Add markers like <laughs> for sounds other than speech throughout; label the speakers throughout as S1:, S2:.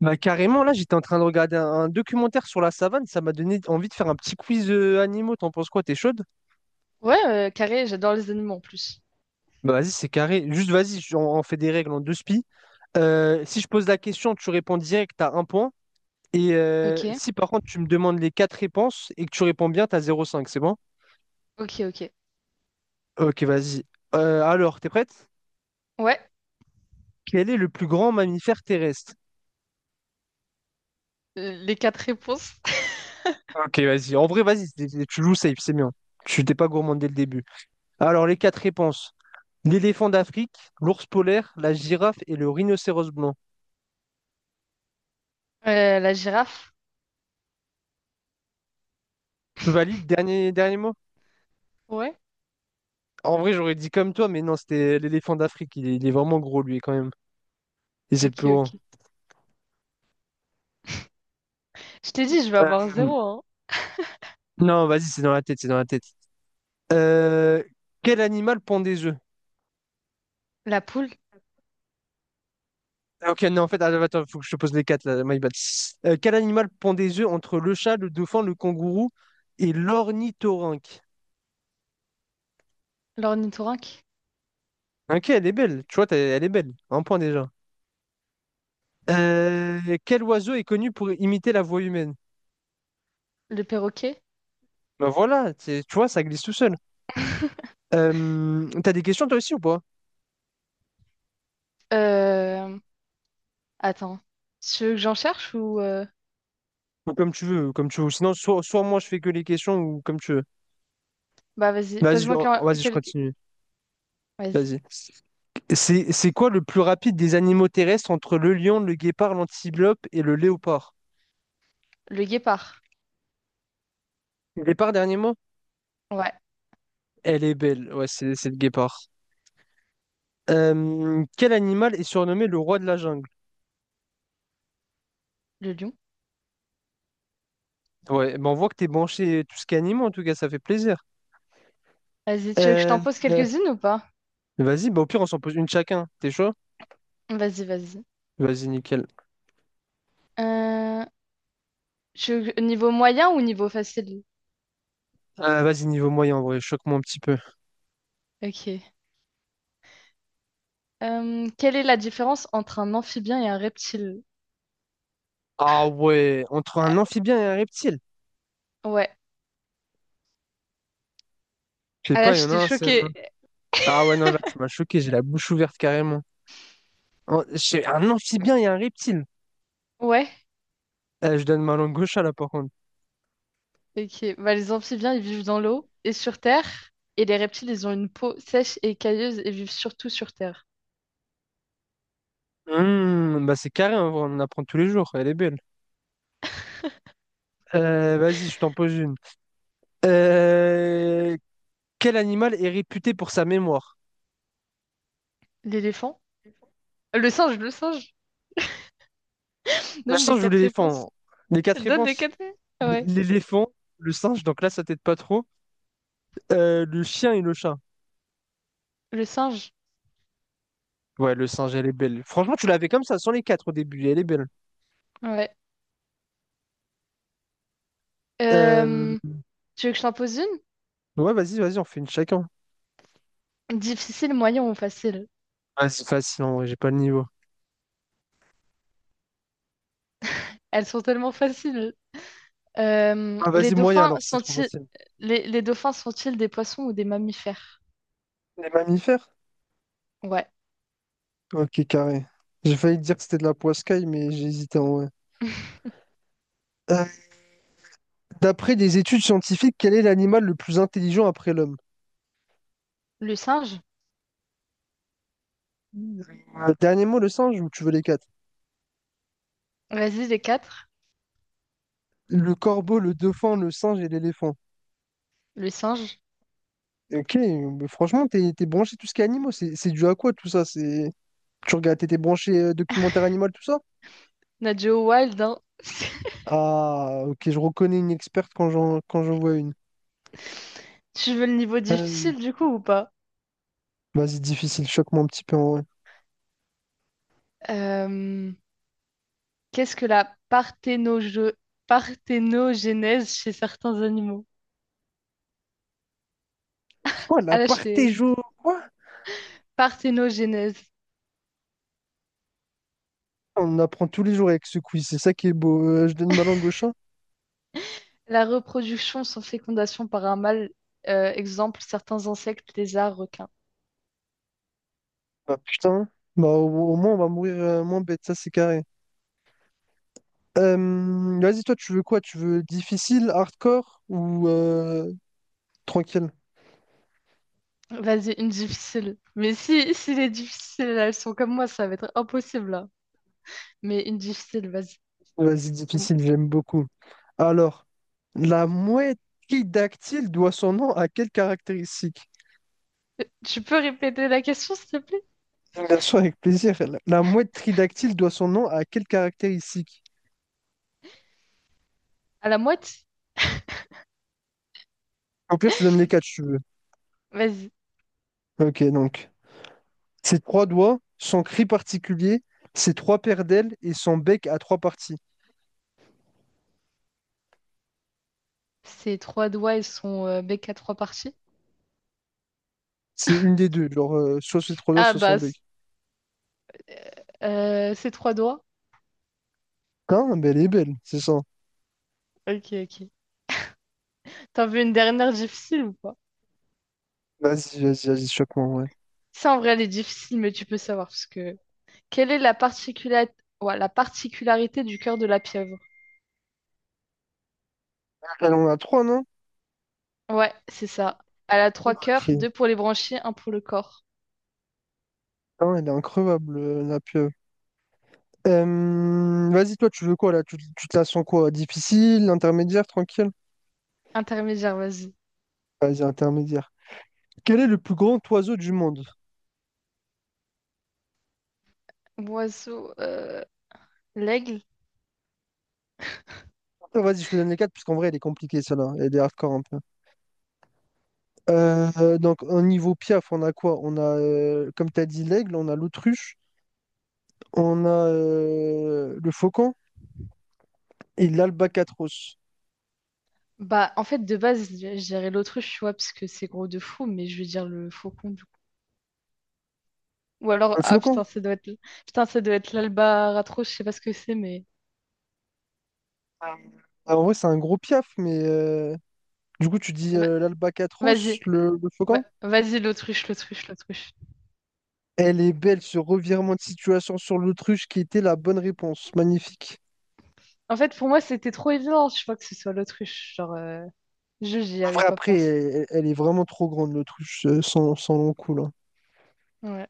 S1: Bah, carrément, là, j'étais en train de regarder un documentaire sur la savane. Ça m'a donné envie de faire un petit quiz animaux. T'en penses quoi? T'es chaude?
S2: Ouais, carré, j'adore les animaux en plus.
S1: Bah, vas-y, c'est carré. Juste, vas-y, on fait des règles en deux spi. Si je pose la question, tu réponds direct, t'as un point. Et
S2: Ok,
S1: si par contre, tu me demandes les quatre réponses et que tu réponds bien, t'as 0,5. C'est bon?
S2: ok, ok.
S1: Ok, vas-y. Alors, t'es prête?
S2: Ouais,
S1: Quel est le plus grand mammifère terrestre?
S2: les quatre réponses. <laughs>
S1: Ok, vas-y. En vrai, vas-y, tu joues safe, c'est bien. Tu t'es pas gourmand dès le début. Alors, les quatre réponses. L'éléphant d'Afrique, l'ours polaire, la girafe et le rhinocéros blanc.
S2: La girafe.
S1: Valide, dernier, dernier mot?
S2: Ouais,
S1: En vrai, j'aurais dit comme toi, mais non, c'était l'éléphant d'Afrique. Il est vraiment gros, lui, quand même. Et c'est le
S2: ok,
S1: plus grand.
S2: ok. Je t'ai dit, je vais avoir
S1: Euh,
S2: zéro, hein.
S1: non, vas-y, c'est dans la tête, c'est dans la tête. Euh, Quel animal pond des œufs?
S2: La poule,
S1: Ah, ok, non, en fait, attends, attends, faut que je te pose les quatre, là, my bad. Quel animal pond des œufs entre le chat, le dauphin, le kangourou et l'ornithorynque?
S2: l'ornithorynque,
S1: Ok, elle est belle. Tu vois, elle est belle. Un point déjà. Quel oiseau est connu pour imiter la voix humaine?
S2: le perroquet.
S1: Ben voilà, tu vois, ça glisse tout seul.
S2: <laughs>
S1: T'as des questions toi aussi ou pas?
S2: Euh... Attends, tu veux que j'en cherche ou...
S1: Ou comme tu veux, comme tu veux. Sinon, soit moi je fais que les questions ou comme tu veux.
S2: Bah vas-y,
S1: Vas-y, je-
S2: pose-moi
S1: Vas-y, je
S2: quelques...
S1: continue.
S2: Vas-y,
S1: Vas-y. C'est quoi le plus rapide des animaux terrestres entre le lion, le guépard, l'antilope et le léopard?
S2: le guépard.
S1: Guépard, dernier mot?
S2: Ouais,
S1: Elle est belle. Ouais, c'est le guépard. Quel animal est surnommé le roi de la jungle?
S2: le lion.
S1: Ouais, ben on voit que t'es branché tout ce qui est animaux, en tout cas, ça fait plaisir.
S2: Vas-y, tu veux que je
S1: Euh,
S2: t'en pose
S1: euh,
S2: quelques-unes ou pas?
S1: Vas-y, bah au pire, on s'en pose une chacun. T'es chaud?
S2: Vas-y, vas-y.
S1: Vas-y, nickel.
S2: Euh... Niveau moyen ou niveau facile?
S1: Vas-y, niveau moyen, en vrai, choque-moi un petit peu.
S2: Ok. Quelle est la différence entre un amphibien et un reptile?
S1: Ah ouais, entre un amphibien et un reptile.
S2: Ouais.
S1: Je sais
S2: Ah là,
S1: pas, il y en a
S2: j'étais
S1: un, c'est...
S2: choquée.
S1: Ah ouais, non, là, tu m'as choqué, j'ai la bouche ouverte carrément. J'ai un amphibien et un reptile.
S2: Ouais.
S1: Je donne ma langue gauche à là, par contre.
S2: Ok. Bah, les amphibiens, ils vivent dans l'eau et sur terre. Et les reptiles, ils ont une peau sèche et cailleuse et vivent surtout sur terre.
S1: Hmm, bah c'est carré, en vrai, on en apprend tous les jours, elle est belle. Vas-y, je t'en pose une. Euh, Quel animal est réputé pour sa mémoire?
S2: L'éléphant? Le singe. <laughs>
S1: Le
S2: Donne les
S1: singe ou
S2: quatre réponses.
S1: l'éléphant? Les quatre
S2: Donne les
S1: réponses.
S2: quatre. Ouais.
S1: L'éléphant, le singe, donc là, ça t'aide pas trop. Le chien et le chat.
S2: Le singe.
S1: Ouais, le singe, elle est belle. Franchement, tu l'avais comme ça, sans les quatre au début, elle est belle.
S2: Ouais.
S1: Euh,
S2: Euh, tu veux que je t'en pose une?
S1: Ouais, vas-y, vas-y, on fait une chacun.
S2: Difficile, moyen ou facile?
S1: Ah, c'est facile, en vrai, j'ai pas le niveau.
S2: Elles sont tellement faciles. Euh,
S1: Ah,
S2: les
S1: vas-y, moyen,
S2: dauphins
S1: alors, c'est trop
S2: sont-ils
S1: facile.
S2: les dauphins sont-ils des poissons ou des mammifères?
S1: Les mammifères?
S2: Ouais.
S1: Ok, carré. J'ai failli dire que c'était de la poiscaille, mais j'ai hésité en vrai.
S2: <laughs>
S1: Euh, D'après des études scientifiques, quel est l'animal le plus intelligent après l'homme?
S2: Le singe.
S1: Dernier mot, le singe, ou tu veux les quatre?
S2: Vas-y, les quatre.
S1: Le corbeau, le dauphin, le singe et l'éléphant.
S2: Le singe.
S1: Ok, mais franchement, t'es branché tout ce qui est animaux. C'est dû à quoi tout ça? C'est... Tu regardes, t'étais branché documentaire animal, tout ça?
S2: Nadjo Wild, hein. <laughs>
S1: Ah, ok, je reconnais une experte quand j'en vois une.
S2: Tu veux le niveau
S1: Euh,
S2: difficile du coup ou pas?
S1: Vas-y, difficile, choque-moi un petit peu en vrai.
S2: Euh, qu'est-ce que parthénogénèse chez certains animaux?
S1: Oh, la
S2: Ah là, je t'ai-
S1: partéjo, quoi?
S2: Parthénogénèse.
S1: On apprend tous les jours avec ce quiz, c'est ça qui est beau. Je donne ma langue au chat?
S2: La reproduction sans fécondation par un mâle. Exemple, certains insectes, lézards, requins.
S1: Bah putain, bah au moins on va mourir moins bête, ça c'est carré. Vas-y, toi, tu veux quoi? Tu veux difficile, hardcore ou tranquille?
S2: Vas-y, une difficile. Mais si les difficiles, elles sont comme moi, ça va être impossible là. Mais une difficile, vas-y.
S1: Vas-y, difficile, j'aime beaucoup. Alors, la mouette dactyle doit son nom à quelle caractéristique?
S2: Tu peux répéter la question, s'il te plaît?
S1: Bien sûr, avec plaisir. La mouette tridactyle doit son nom à quelle caractéristique?
S2: À la moite?
S1: Au pire, je te donne les quatre, si tu veux.
S2: Vas-y.
S1: Ok, donc, ses trois doigts, son cri particulier, ses trois paires d'ailes et son bec à trois parties.
S2: Ses trois doigts et son bec à trois parties?
S1: C'est une des deux, genre, soit ses trois doigts,
S2: Ah
S1: soit son
S2: bah, c-
S1: bec.
S2: ses trois doigts?
S1: Hein, mais elle est belle, c'est ça.
S2: Ok, ok. T'en veux une dernière difficile ou pas?
S1: Vas-y, choque-moi, ouais.
S2: Ça, en vrai, elle est difficile, mais tu peux savoir, parce que... Quelle est la particula- ouais, la particularité du cœur de la pieuvre?
S1: Elle en a trois, non?
S2: Ouais, c'est ça. Elle a trois cœurs,
S1: Ok.
S2: deux pour les branchies, un pour le corps.
S1: Non, elle est increvable, la pieuvre. Vas-y, toi, tu veux quoi, là? Tu te la sens quoi? Difficile, intermédiaire, tranquille?
S2: Intermédiaire, vas-y.
S1: Vas-y, intermédiaire. Quel est le plus grand oiseau du monde?
S2: Oiseau, l'aigle.
S1: Vas-y, je te donne les quatre, parce qu'en vrai, elle est compliquée, celle-là. Elle est hardcore un peu. Donc, au niveau Piaf, on a quoi? On a, comme tu as dit, l'aigle, on a l'autruche, on a le faucon et l'albatros.
S2: Bah, en fait, de base, je dirais l'autruche, tu vois, parce que c'est gros de fou, mais je vais dire le faucon, du coup. Ou alors,
S1: Le
S2: ah
S1: faucon?
S2: putain, ça doit être, putain, ça doit être l'albatros, je sais pas ce que c'est, mais
S1: Ah, en vrai, c'est un gros Piaf, mais du coup, tu dis
S2: va- vas-y,
S1: l'albatros, le faucon?
S2: vas-y, l'autruche, l'autruche, l'autruche.
S1: Elle est belle, ce revirement de situation sur l'autruche qui était la bonne réponse. Magnifique.
S2: En fait, pour moi, c'était trop évident, je crois que ce soit l'autruche. J'y
S1: En
S2: avais
S1: vrai,
S2: pas
S1: après,
S2: pensé.
S1: elle est vraiment trop grande, l'autruche, sans long coup, là.
S2: Ouais,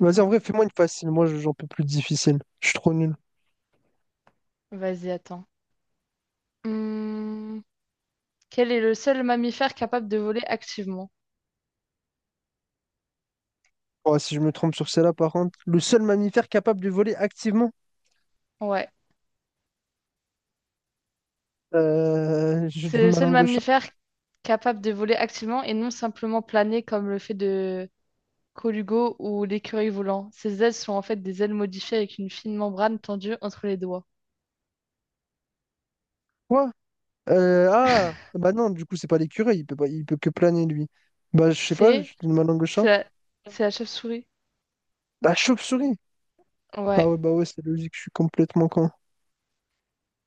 S1: Vas-y, en vrai, fais-moi une facile. Moi, j'en peux plus de difficile. Je suis trop nul.
S2: vas-y, attends. Hmm, quel est le seul mammifère capable de voler activement?
S1: Oh, si je me trompe sur celle-là, par contre, le seul mammifère capable de voler activement.
S2: Ouais,
S1: <laughs> Je
S2: c'est
S1: donne
S2: le
S1: ma
S2: seul
S1: langue au chat.
S2: mammifère capable de voler activement et non simplement planer comme le fait de Colugo ou l'écureuil volant. Ces ailes sont en fait des ailes modifiées avec une fine membrane tendue entre les doigts.
S1: Quoi? Ah, bah non, du coup, c'est pas l'écureuil. Il peut pas, il peut que planer, lui. Bah, je sais pas,
S2: C'est
S1: je donne ma langue au
S2: c'est
S1: chat.
S2: la, c'est la chauve-souris.
S1: La chauve-souris. Ah
S2: Ouais.
S1: ouais, bah ouais, c'est logique, je suis complètement con.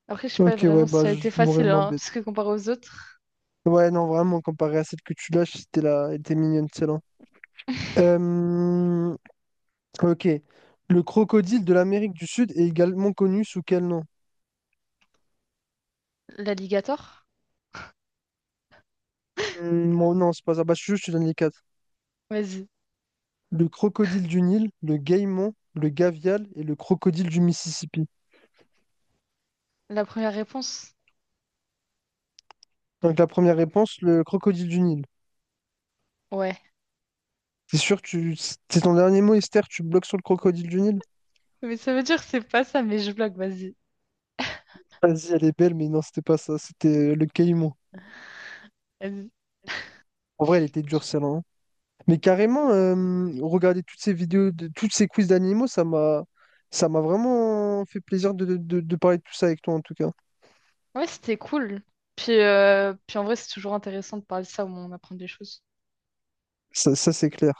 S2: Après, je sais pas
S1: Ok, ouais,
S2: vraiment si
S1: bah,
S2: ça a été
S1: je mourrais
S2: facile,
S1: moins
S2: hein,
S1: bête.
S2: parce que comparé aux autres.
S1: Ouais, non, vraiment, comparé à celle que tu lâches, c'était là, elle était mignonne, celle-là.
S2: <laughs>
S1: Euh, Ok. Le crocodile de l'Amérique du Sud est également connu sous quel nom?
S2: L'alligator?
S1: Hmm, bon, non, c'est pas ça. Bah, je te donne les quatre.
S2: Vas-y.
S1: Le crocodile du Nil, le caïman, le gavial et le crocodile du Mississippi.
S2: La première réponse?
S1: Donc la première réponse, le crocodile du Nil.
S2: Ouais.
S1: T'es sûr que tu... c'est ton dernier mot, Esther? Tu bloques sur le crocodile du Nil?
S2: Mais ça veut dire que c'est pas ça, mais je blague, vas-y.
S1: Vas-y, elle est belle, mais non, c'était pas ça. C'était le caïman.
S2: Vas-y.
S1: En vrai, elle était dure, celle-là, hein. Mais carrément, regarder toutes ces vidéos, de... toutes ces quiz d'animaux, ça m'a vraiment fait plaisir de de parler de tout ça avec toi, en tout cas.
S2: Ouais, c'était cool. Puis, puis en vrai, c'est toujours intéressant de parler de ça au moment où on apprend des choses.
S1: Ça, c'est clair.